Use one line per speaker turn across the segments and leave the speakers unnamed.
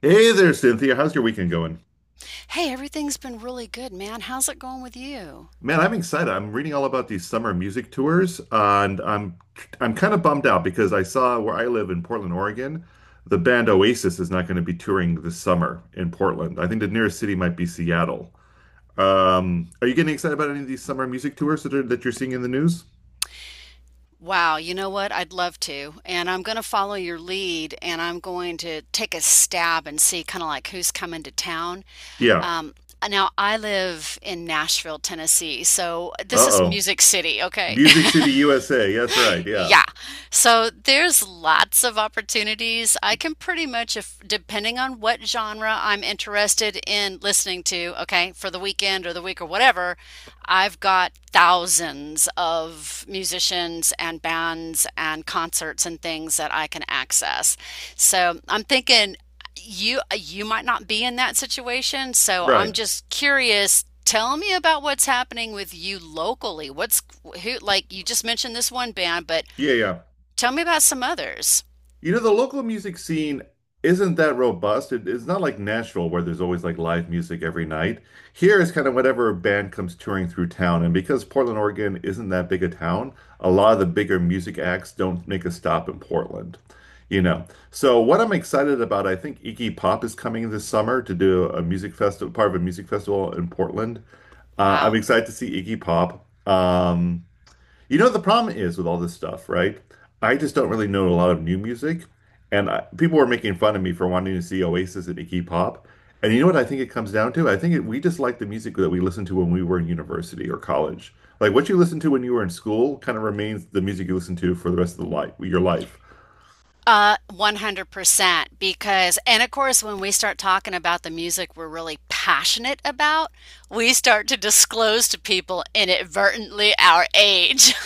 Hey there, Cynthia. How's your weekend going?
Hey, everything's been really good, man. How's it going with you?
Man, I'm excited. I'm reading all about these summer music tours, and I'm kind of bummed out because I saw where I live in Portland, Oregon, the band Oasis is not going to be touring this summer in Portland. I think the nearest city might be Seattle. Are you getting excited about any of these summer music tours that you're seeing in the news?
Wow, you know what? I'd love to. And I'm going to follow your lead, and I'm going to take a stab and see kind of like who's coming to town.
Yeah.
Um, Now, I live in Nashville, Tennessee, so this is
Uh-oh.
Music City, okay?
Music City, USA. That's right. Yeah.
Yeah. So there's lots of opportunities. I can pretty much, if, depending on what genre I'm interested in listening to, okay, for the weekend or the week or whatever, I've got thousands of musicians and bands and concerts and things that I can access. So I'm thinking you might not be in that situation, so I'm
Right.
just curious. Tell me about what's happening with you locally. What's who, like, you just mentioned this one band, but
Yeah, yeah.
tell me about some others.
You know, the local music scene isn't that robust. It's not like Nashville where there's always like live music every night. Here is kind of whatever band comes touring through town. And because Portland, Oregon isn't that big a town, a lot of the bigger music acts don't make a stop in Portland. You know, so what I'm excited about, I think Iggy Pop is coming this summer to do a music festival, part of a music festival in Portland. I'm
Wow.
excited to see Iggy Pop. You know, the problem is with all this stuff, right? I just don't really know a lot of new music, and people were making fun of me for wanting to see Oasis and Iggy Pop. And you know what I think it comes down to? We just like the music that we listened to when we were in university or college. Like what you listened to when you were in school kind of remains the music you listen to for the rest of your life.
100% because, and of course when we start talking about the music we're really passionate about, we start to disclose to people inadvertently our age.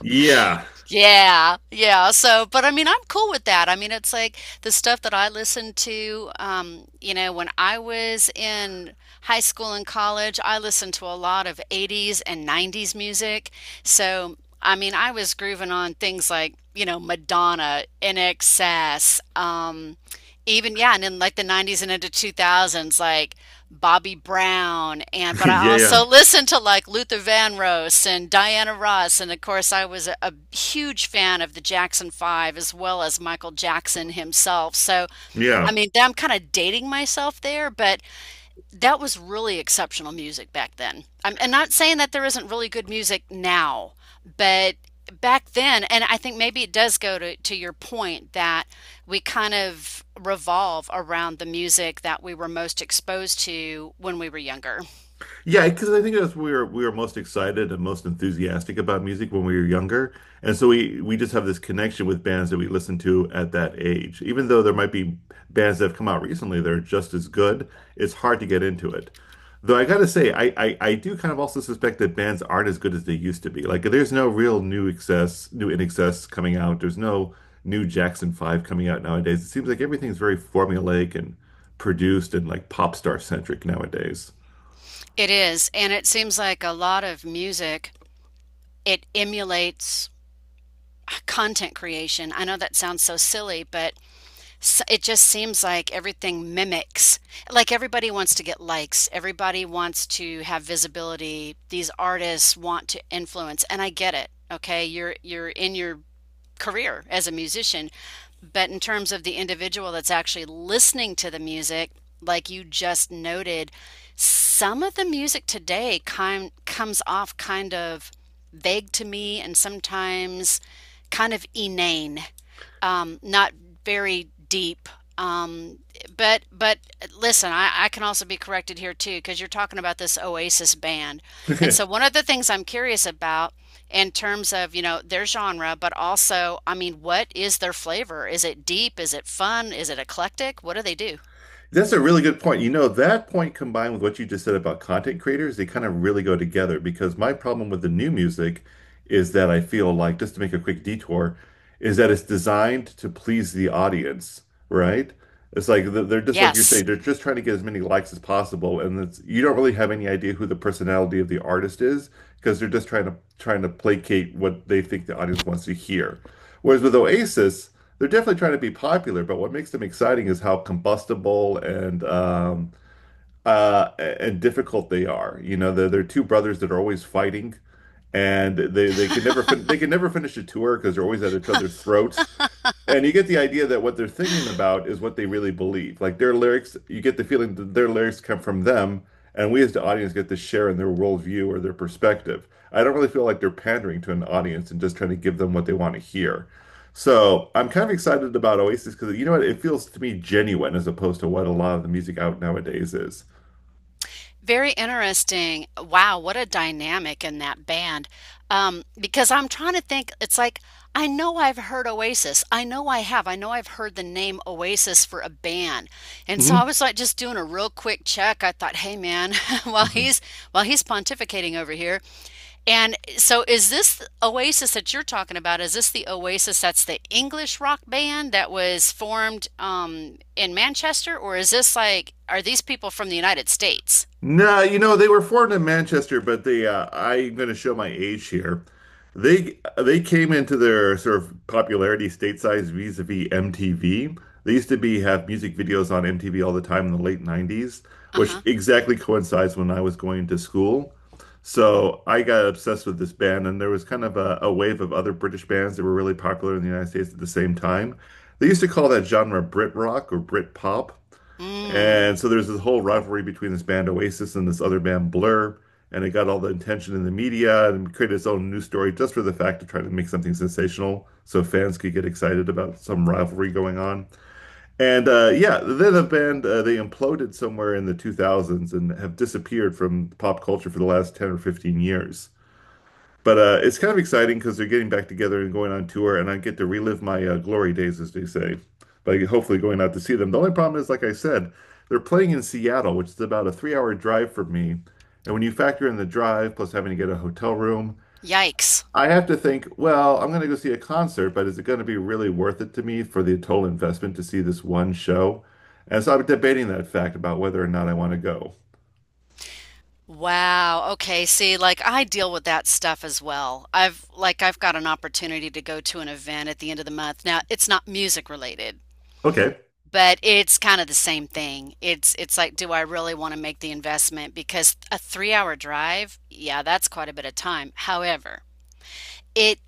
Yeah.
Yeah, yeah. So, but I mean, I'm cool with that. I mean, it's like the stuff that I listened to, you know, when I was in high school and college, I listened to a lot of 80s and 90s music. So, I mean, I was grooving on things like, you know, Madonna, NXS, even, yeah, and in like the 90s and into 2000s, like Bobby Brown. And but I
Yeah, yeah.
also listened to like Luther Vandross and Diana Ross, and of course I was a huge fan of the Jackson 5 as well as Michael Jackson himself. So I
Yeah.
mean I'm kind of dating myself there, but that was really exceptional music back then. I'm and not saying that there isn't really good music now, but back then, and I think maybe it does go to your point that we kind of revolve around the music that we were most exposed to when we were younger.
Yeah, because I think that's we were most excited and most enthusiastic about music when we were younger, and so we just have this connection with bands that we listen to at that age. Even though there might be bands that have come out recently that are just as good, it's hard to get into it. Though I gotta say, I do kind of also suspect that bands aren't as good as they used to be. Like there's no real new excess, new in excess coming out. There's no new Jackson 5 coming out nowadays. It seems like everything's very formulaic and produced and like pop star centric nowadays.
It is, and it seems like a lot of music, it emulates content creation. I know that sounds so silly, but it just seems like everything mimics, like everybody wants to get likes, everybody wants to have visibility, these artists want to influence. And I get it, okay? You're in your career as a musician, but in terms of the individual that's actually listening to the music, like you just noted, some of the music today kind comes off kind of vague to me, and sometimes kind of inane, not very deep. Um, but listen, I can also be corrected here too because you're talking about this Oasis band, and so one of the things I'm curious about in terms of, you know, their genre, but also, I mean, what is their flavor? Is it deep? Is it fun? Is it eclectic? What do they do?
That's a really good point. You know, that point combined with what you just said about content creators, they kind of really go together because my problem with the new music is that I feel like, just to make a quick detour, is that it's designed to please the audience, right? It's like they're just like you're
Yes.
saying, they're just trying to get as many likes as possible, and you don't really have any idea who the personality of the artist is because they're just trying to placate what they think the audience wants to hear. Whereas with Oasis, they're definitely trying to be popular, but what makes them exciting is how combustible and difficult they are. You know, they're two brothers that are always fighting, and they can never fin they can never finish a tour because they're always at each other's throats. And you get the idea that what they're thinking about is what they really believe. Like their lyrics, you get the feeling that their lyrics come from them, and we as the audience get to share in their worldview or their perspective. I don't really feel like they're pandering to an audience and just trying to give them what they want to hear. So I'm kind of excited about Oasis because you know what? It feels to me genuine as opposed to what a lot of the music out nowadays is.
Very interesting. Wow, what a dynamic in that band. Because I'm trying to think, it's like, I know I've heard Oasis. I know I have. I know I've heard the name Oasis for a band. And so
Hmm.
I was like just doing a real quick check. I thought, hey man, while he's while he's pontificating over here. And so is this Oasis that you're talking about? Is this the Oasis that's the English rock band that was formed in Manchester? Or is this like, are these people from the United States?
No, you know, they were formed in Manchester, but they I'm going to show my age here. They came into their sort of popularity stateside vis-a-vis MTV. They used to be have music videos on MTV all the time in the late 90s, which
Uh-huh.
exactly coincides when I was going to school. So I got obsessed with this band, and there was kind of a wave of other British bands that were really popular in the United States at the same time. They used to call that genre Brit rock or Brit pop.
Mm.
And so there's this whole rivalry between this band Oasis and this other band Blur, and it got all the attention in the media and created its own news story just for the fact of trying to make something sensational so fans could get excited about some rivalry going on. And yeah, then the band they imploded somewhere in the 2000s and have disappeared from pop culture for the last 10 or 15 years. But it's kind of exciting because they're getting back together and going on tour, and I get to relive my glory days, as they say, by hopefully going out to see them. The only problem is, like I said, they're playing in Seattle, which is about a three-hour drive from me. And when you factor in the drive plus having to get a hotel room,
Yikes.
I have to think, well, I'm going to go see a concert, but is it going to be really worth it to me for the total investment to see this one show? And so I'm debating that fact about whether or not I want to go.
Wow. Okay. See, like I deal with that stuff as well. I've, like, I've got an opportunity to go to an event at the end of the month. Now, it's not music related,
Okay.
but it's kind of the same thing. It's like, do I really want to make the investment? Because a 3 hour drive, yeah, that's quite a bit of time. However, it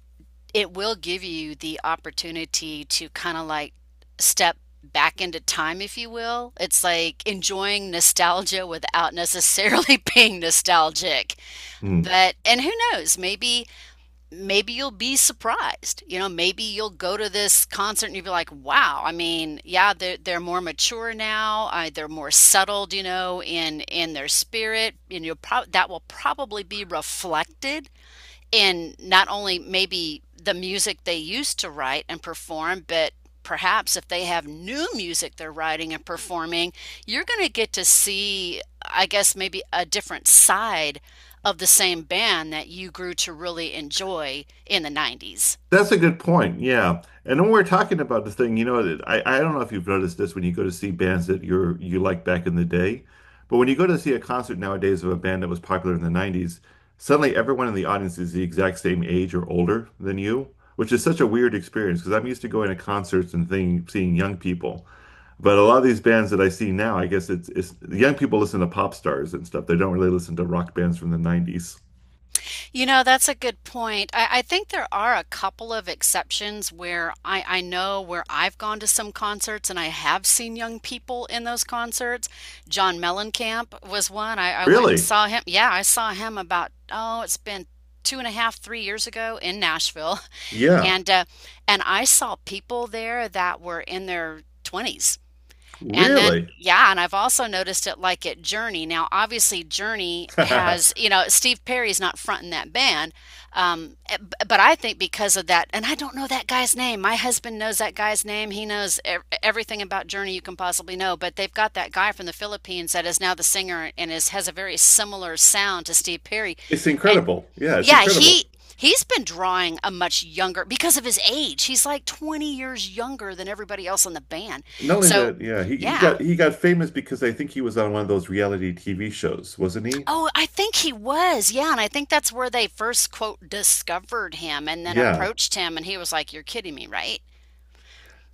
it will give you the opportunity to kind of like step back into time, if you will. It's like enjoying nostalgia without necessarily being nostalgic.
Hmm.
But, and who knows, maybe, maybe you'll be surprised. You know, maybe you'll go to this concert and you'll be like, wow, I mean, yeah, they're more mature now. They're more settled, you know, in their spirit. And you'll probably, that will probably be reflected in not only maybe the music they used to write and perform, but perhaps if they have new music they're writing and performing, you're going to get to see, I guess, maybe a different side of the same band that you grew to really enjoy in the 90s.
That's a good point. Yeah. And when we're talking about the thing, you know, I don't know if you've noticed this when you go to see bands that you like back in the day, but when you go to see a concert nowadays of a band that was popular in the 90s, suddenly everyone in the audience is the exact same age or older than you, which is such a weird experience because I'm used to going to concerts seeing young people. But a lot of these bands that I see now, I guess it's the young people listen to pop stars and stuff. They don't really listen to rock bands from the 90s.
You know, that's a good point. I think there are a couple of exceptions where I know where I've gone to some concerts and I have seen young people in those concerts. John Mellencamp was one. I went and
Really?
saw him. Yeah, I saw him about, oh, it's been two and a half, 3 years ago in Nashville.
Yeah.
And I saw people there that were in their 20s. And then,
Really?
yeah, and I've also noticed it like at Journey. Now, obviously, Journey has, you know, Steve Perry's not fronting that band. But I think because of that, and I don't know that guy's name. My husband knows that guy's name. He knows everything about Journey you can possibly know. But they've got that guy from the Philippines that is now the singer and is has a very similar sound to Steve Perry.
It's incredible. Yeah, it's
Yeah,
incredible.
he's been drawing a much younger because of his age. He's like 20 years younger than everybody else in the band.
Not only
So,
that, yeah,
yeah.
he got famous because I think he was on one of those reality TV shows, wasn't he?
Oh, I think he was. Yeah, and I think that's where they first quote discovered him and then
Yeah,
approached him, and he was like, "You're kidding me, right?"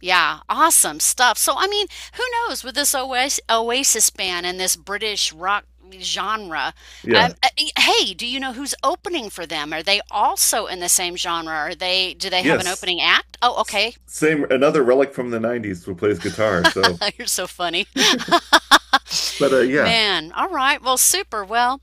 Yeah, awesome stuff. So, I mean, who knows with this Oasis band and this British rock genre?
yeah,
Hey, do you know who's opening for them? Are they also in the same genre? Are they, do they have an
Yes.
opening act? Oh, okay.
Same, another relic from the 90s who plays guitar. So,
You're so funny.
but yeah.
Man, all right. Well, super. Well,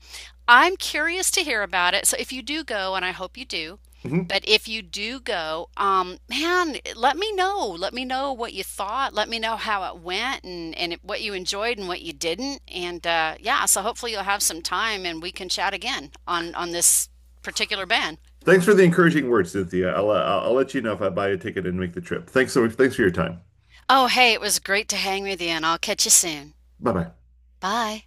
I'm curious to hear about it. So if you do go, and I hope you do,
Mhm.
but if you do go, man, let me know. Let me know what you thought. Let me know how it went, and what you enjoyed and what you didn't. And yeah, so hopefully you'll have some time and we can chat again on this particular band.
Thanks for the encouraging words, Cynthia. I'll let you know if I buy a ticket and make the trip. Thanks so much. Thanks for your time.
Oh, hey, it was great to hang with you, and I'll catch you soon.
Bye bye.
Bye.